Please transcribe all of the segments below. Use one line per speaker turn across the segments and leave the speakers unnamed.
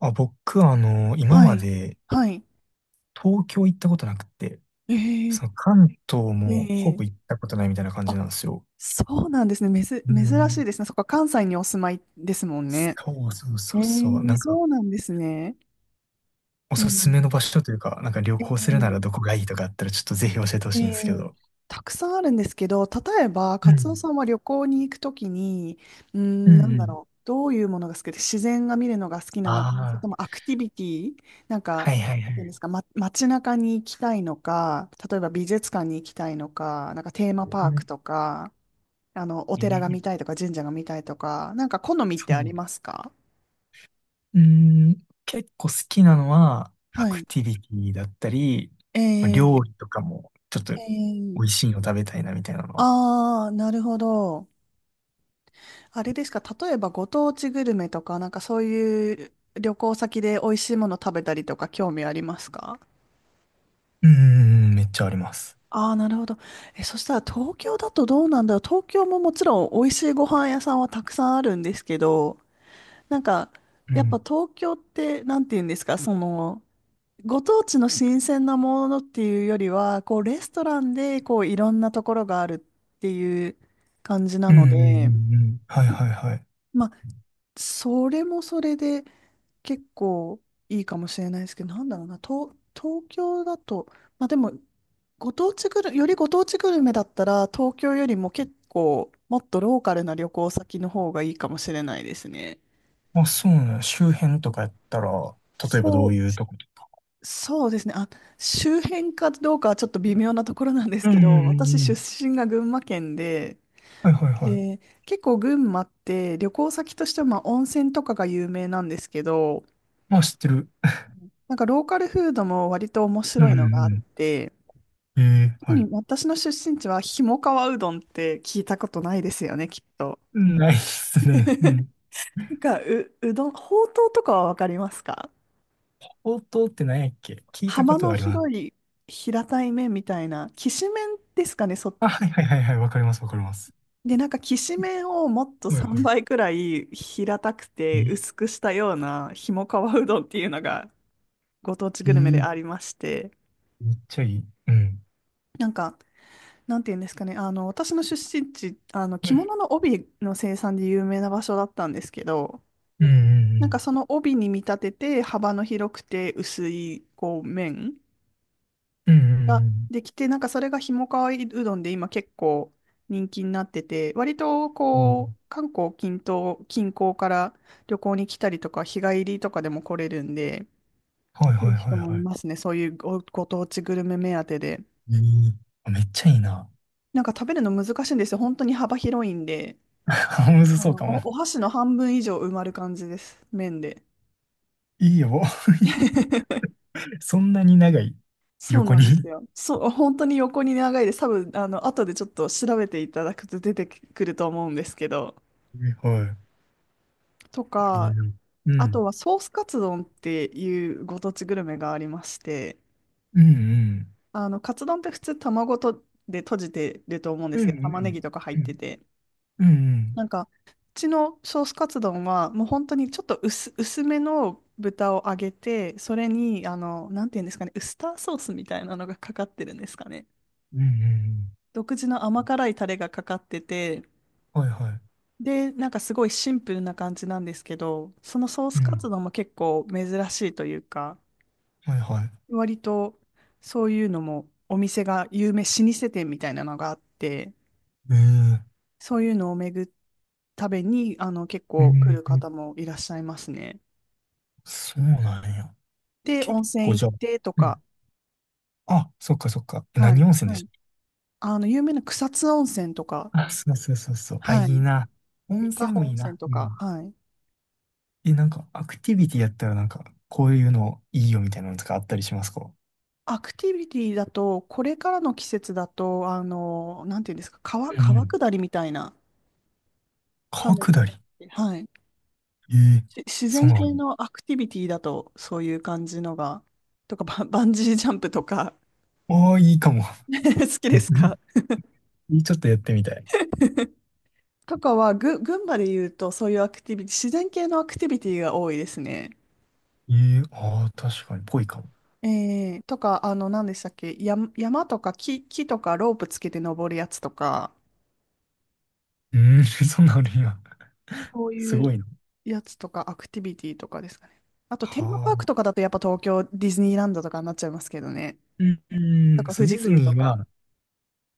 あ、僕は今
は
ま
い。
で
はい。
東京行ったことなくて、
え
その
え
関東もほ
え
ぼ行っ
え
たことないみたいな感じ
あ、
なんですよ。
そうなんですね。めず、
う
珍し
ん。
いですね。そっか、関西にお住まいですもんね。
そうそう
え
そうそう。なんか、
そうなんですね。
お
え
すすめの
え
場所というか、なんか旅行するならど
え
こがいいとかあったらちょっとぜひ教えてほ
え
しいん
え
ですけ
え
ど。
たくさんあるんですけど、例えば、
う
カツオ
ん。
さんは旅行に行くときに、
うんうん。
どういうものが好きで、自然が見るのが好きなのか、それ
あ
ともアクティビティ、なん
あ、
か、
はいはいは
なんで
い。
すか、街中に行きたいのか、例えば美術館に行きたいのか、なんかテーマパ
う
ーク
ん
とか、お
え
寺が見
ー
たいとか神社が見たいとか、なんか好みっ
そ
てあり
う。
ますか？
うん、結構好きなのは、ア
は
ク
い。
ティビティだったり、
え
まあ料
ー、
理とかも、ちょっと
え
美
ー、
味しいの食べたいなみたいなのは、
ああ、なるほど。あれですか、例えばご当地グルメとか、なんかそういう旅行先で美味しいもの食べたりとか興味ありますか？
うんうんうん、めっちゃあります。
ああー、なるほど。え、そしたら東京だとどうなんだろう。東京ももちろん美味しいご飯屋さんはたくさんあるんですけど、なんか、
う
やっぱ
ん。
東京って、なんて言うんですか、ご当地の新鮮なものっていうよりは、こう、レストランで、こう、いろんなところがあるっていう感じな
うんう
ので、
んうんうん。はいはいはい。
まあ、それもそれで結構いいかもしれないですけど、なんだろうな、東京だと、まあでも、ご当地グル、よりご当地グルメだったら、東京よりも結構、もっとローカルな旅行先の方がいいかもしれないですね。
あ、そうなの。周辺とかやったら、例えばど
そ
う
う、
いうとこ？
そうですね。あ、周辺かどうかはちょっと微妙なところなんです
うん
け
う
ど、
んうん
私
う
出
ん。
身が群馬県で、
はいはいはい。
で、結構群馬って旅行先としてはまあ温泉とかが有名なんですけど、
まあ知ってる。
なんかローカルフードも割と面
う
白
ん
い
う
のがあっ
ん
て、
うん。ええ、
特
は
に
い。
私の出身地はひもかわうどんって聞いたことないですよね、きっと。
ないっすね。うん。
うどん、ほうとうとかはわかりますか？
ほうって何やっけ？聞いたこ
幅
と
の
はあります。
広い平たい麺みたいな、きしめんですかね、そっ。
あ、はいはいはいはい。わかりますわかります。
で、なんか、きしめんをもっと
はい
3
は
倍くらい平たく
い。
て
いい、
薄くしたようなひもかわうどんっていうのがご当地
い
グルメで
い、
ありまして、
めっちゃいい。うん。
なんか、なんていうんですかね、私の出身地、
う
着
ん
物の帯の生産で有名な場所だったんですけど、
う
なんか
ん
その帯に見立てて幅の広くて薄いこう麺
うんうん。うん
が
うん
できて、なんかそれがひもかわいうどんで今結構人気になってて、割と
うんうん。
こう、韓国近東、近郊から旅行に来たりとか、日帰りとかでも来れるんで、
はい
来
は
る
いは
人
い
もい
は
ますね。そういうご当地グルメ目当てで。
い。いい、あ、めっちゃいいな。
なんか食べるの難しいんですよ。本当に幅広いんで、
むず
あ
そう
の、
かも。
お箸の半分以上埋まる感じです。麺で。
いいよ。そんなに長い？
そう
横
なん
に。
ですよ。そう、本当に横に長いです。多分、あの、後でちょっと調べていただくと出てくると思うんですけど、
は
と
い。い
か、
いよ。う
あと
ん。
はソースカツ丼っていうご当地グルメがありまして、
うんうん。
あの、カツ丼って普通卵とで閉じてると思うんで
う
すけ
ん
ど、
う
玉ねぎ
ん
とか入っ
う
て
ん。
て、
うんう
な
ん。
んか、うちのソースカツ丼はもう本当にちょっと薄めの豚を揚げて、それに、あの、なんていうんですかね、ウスターソースみたいなのがかかってるんですかね。
うん、
独自の甘辛いタレがかかってて、
はいは
で、なんかすごいシンプルな感じなんですけど、そのソー
い。
ス
う
カツ
ん。
丼も結構珍しいというか、
はいはい。
割とそういうのもお店が有名、老舗店みたいなのがあって、
ええ。
そういうのを巡るためにあの結
う
構来る
ん。
方もいらっしゃいますね。
そうなんや。
で、
結
温
構
泉行
じ
っ
ゃあ。
てと
うん。
か、
あ、そっかそっか。
は
何
い、
温泉
は
でし
い。あの、有名な草津温泉とか、
た？あ、そうそうそうそう。あ、
は
いい
い。
な。温
伊香
泉
保
も
温
いい
泉
な。
と
う
か、
ん。
はい。
え、なんか、アクティビティやったらなんか、こういうのいいよみたいなのとかあったりしますか？
アクティビティだと、これからの季節だと、あの、なんていうんですか、
う
川
ん。
下りみたいなカ
川
ヌーと
下
か
り。
って、はい。
ええ、
し自
そう
然
なの。
系のアクティビティだとそういう感じのが、とかバンジージャンプとか
ああ、いいかも。
好きですか？
ちょっとやってみたい。
とかは群馬で言うとそういうアクティビティ、自然系のアクティビティが多いですね。
ええ、ああ、確かに、ぽいかも。
とか、あの、何でしたっけ、山とか木とかロープつけて登るやつとか、
うーん、そんなのあるんや。
そう
す
いう
ごいな。
やつとかアクティビティとかですかね。あと、テーマ
は
パーク
あ。
とかだとやっぱ東京ディズニーランドとかになっちゃいますけどね。
うん、
と
うん
か、
そう、
富
ディ
士
ズ
急と
ニー
か。
は、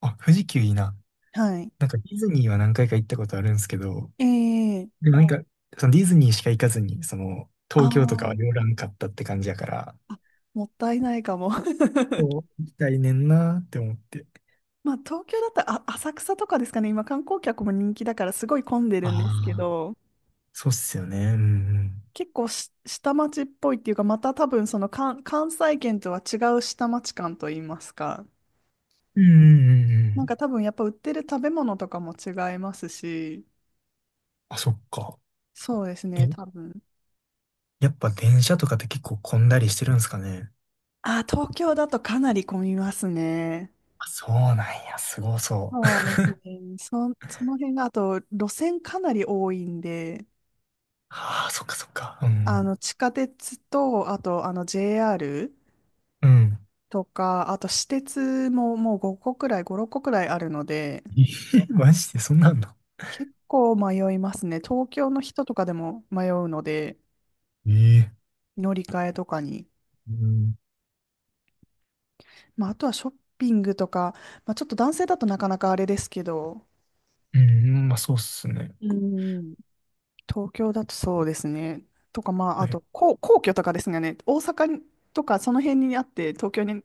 あ、富士急いいな。
はい。
なんかディズニーは何回か行ったことあるんですけど、
えー、
でもなんか、そのディズニーしか行かずに、
あ
東京とかは
ー
寄らんかったって感じやから、
あもったいないかも。
そう、行きたいねんなーって思って。
まあ、東京だったら、あ、浅草とかですかね。今、観光客も人気だから、すごい混んで
あ
るんですけ
あ、
ど、
そうっすよね。うんうん。
結構し下町っぽいっていうか、また多分、その関西圏とは違う下町感といいますか。
うんうんうんう
なん
ん。
か多分、やっぱ売ってる食べ物とかも違いますし、
あ、そっか。
そうですね、
え、
多分。
やっぱ電車とかって結構混んだりしてるんですかね。
あ、東京だとかなり混みますね。
あ、そうなんや、すごそう。
そうですね。そ、その辺が、あと、路線かなり多いんで、
ああ、そっかそっか。う
あ
ん。
の、地下鉄と、あと、あの、JR
うん。
とか、あと私鉄ももう5個くらい、5、6個くらいあるので、
えー、 マジでそんなんの？
結構迷いますね。東京の人とかでも迷うので、
ええ、
乗り換えとかに。
うん。
まあ、あとはショッピングとか、まあ、ちょっと男性だとなかなかあれですけど、
うん、まあそうっすね。
うん。東京だとそうですね。とか、まあ、
は
あ
い。
と、皇居とかですがね、大阪とかその辺にあって、東京に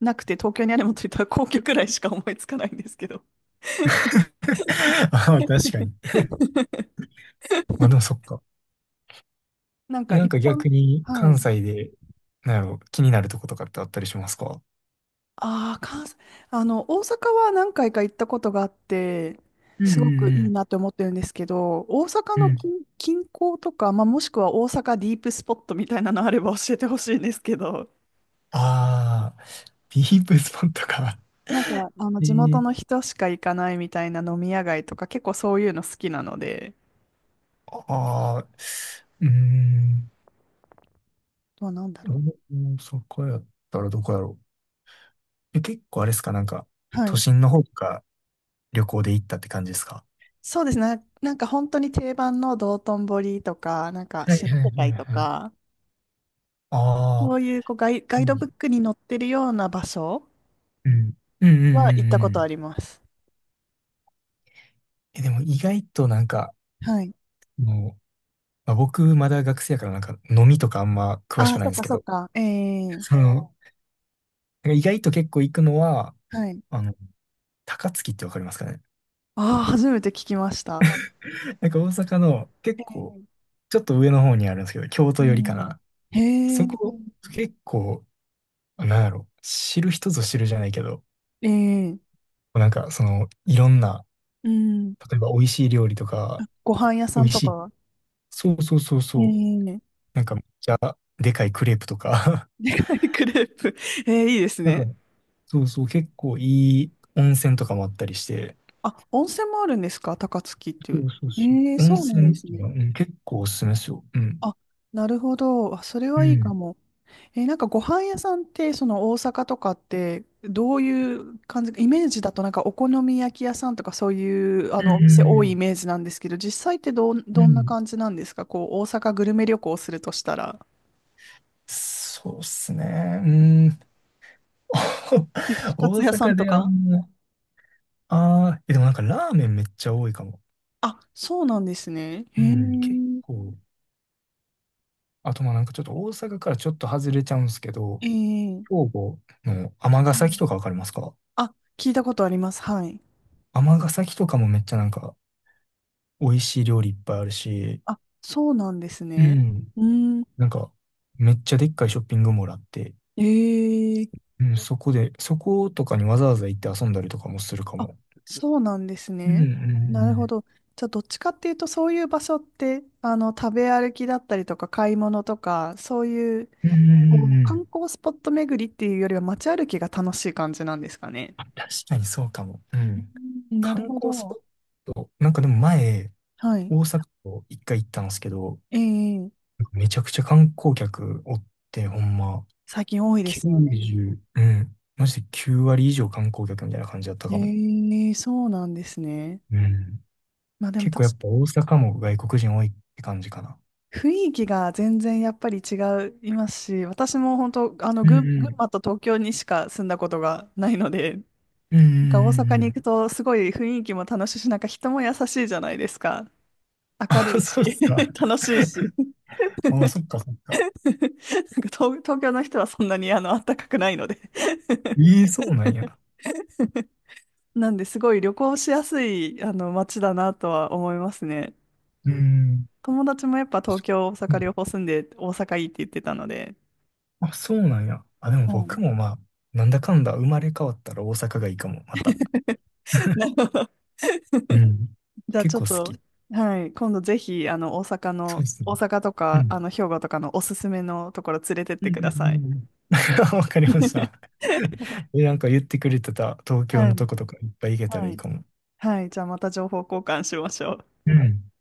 なくて、東京にあるものといったら皇居くらいしか思いつかないんですけど、
ああ、確かに。まあでもそっか。
なん
え、
か
なん
一
か
般、
逆に
は
関
い。
西で、なんやろ、気になるとことかってあったりしますか？
ああ、関西、あの、大阪は何回か行ったことがあって、
うんう
すごくいい
ん
なって思ってるんですけど、大阪
うん。
の
うん。
近、近郊とか、まあ、もしくは大阪ディープスポットみたいなのあれば教えてほしいんですけど、
ああ、ディープスポットか。
なん か、あの、
え
地元
え、
の人しか行かないみたいな飲み屋街とか、結構そういうの好きなので、
ああ、うーん。
どうなんだ
お
ろ
阪そこやったらどこやろう。え、結構あれですか、なんか、
う。は
都
い。
心の方とか旅行で行ったって感じですか？
そうですね。なんか本当に定番の道頓堀とか、なんか
はい
新
はいは
世
い
界と
はい。
か、
あ
そ
あ
ういう、こうガ
ー、う
イド
ん、
ブ
ー、
ックに載ってるような場所
うん。うんうんうん
は行ったこ
う
とあ
ん。
ります。
え、でも意外となんか、
はい。
もう、まあ、僕まだ学生やからなんか飲みとかあんま詳し
あ
く
あ、
ない
そ
ん
っ
です
か
け
そっ
ど、
か。ええ
その、なんか意外と結構行くのは、
はい。
あの、高槻ってわかりますかね。
ああ、初めて聞きました。
なんか大阪の結
え
構、ちょっと上の方にあるんですけど、京
え
都寄りかな。
へ
そ
え、
こ、結構、なんだろう、知る人ぞ知るじゃないけど、
ええ
なんかその、いろんな、
うん。
例えば美味しい料理とか、
ご飯屋さ
美
ん
味
と
しい、
か
そうそうそう
え
そう、
え
なんかでかいクレープとか、
クレープ。ええいいです
なんか、
ね。
そうそう、結構いい温泉とかもあったりして、
あ、温泉もあるんですか高槻ってい
そ
う。
うそうそ
ええ
う。温
そうなん
泉
で
っ
す
ていう
ね。
のは、うん、結構おすすめですよ。うん。
あ、なるほど。あ、それ
う
はいいか
ん。
も。えなんかご飯屋さんって、その大阪とかって、どういう感じ、イメージだとなんかお好み焼き屋さんとかそういう、あ
う
の、お店多いイ
ん。
メージなんですけど、実際って
う
どんな
ん。
感じなんですかこう、大阪グルメ旅行するとしたら、
そうっすね。うん。
串カ
大
ツ屋さん
阪
と
であん
か。
ま、ああ、え、でもなんかラーメンめっちゃ多いかも。
あ、そうなんですね。へ
う
え。
ん。結構、あとまあなんかちょっと大阪からちょっと外れちゃうんですけど、
ええ
兵庫の尼
う
崎
ん
とかわかりますか？
あ、聞いたことあります。はい。
尼崎とかもめっちゃなんか美味しい料理いっぱいあるし、
あ、そうなんです
う
ね。
ん。
うん。
なんかめっちゃでっかいショッピングモールあって、
えー
うん、そこで、そことかにわざわざ行って遊んだりとかもするか
あ、
も。
そうなんです
うん
ね。なるほ
う
ど。
ん
じゃあ、どっちかっていうと、そういう場所って、あの、食べ歩きだったりとか、買い物とか、そういう、
うん。うんう
こ
ん
う
うんう
観
ん。
光スポット巡りっていうよりは、街歩きが楽しい感じなんですかね。
あ、確かにそうかも。うん。
うんな
観
るほ
光スポ
ど。
ット、なんかでも前、
はい。
大阪と一回行ったんですけど、
ええ
めちゃくちゃ観光客おって、ほんま、
最近多いですよね。
90、うん。まして9割以上観光客みたいな感じだったかも。
ええそうなんですね。
うん。
まあでも
結構
確
や
か
っぱ大阪も外国人多いって感じかな。
雰囲気が全然やっぱり違いますし、私も本当、あの、
うんう
群
ん。
馬と東京にしか住んだことがないので、
うんう
なんか大
んうん
阪に
う
行く
ん。
とすごい雰囲気も楽しいし、なんか人も優しいじゃないですか。明る
あ、
いし、
そうっすか。
楽しいし。
あ、そっかそっか。
なんか東京の人はそんなにあの暖かくないので
ええ、そうなんや。
なんですごい旅行しやすいあの街だなとは思いますね。
うんん。
友達もやっぱ東京、大
う
阪両
ん、
方住んで大阪いいって言ってたので。
あ、そうなんや。あ、でも
はい
僕もまあ、なんだかんだ生まれ変わったら大阪がいいかも、また。
な るほど。
うん。
じ ゃあ
結
ちょっ
構好
と、
き。
はい、今度ぜひあの大阪
そう
の、
ですね。
大阪と
う
か
ん。
あの兵庫とかのおすすめのところ連れてっ
うん
て
う
く
ん
だ
う
さい。
んうん。わかりました。え、なんか言ってくれてた東京
は
の
い。
とことかいっぱい行けたら
は
いい
い。
かも。
はい。じゃあまた情報交換しましょう。
うん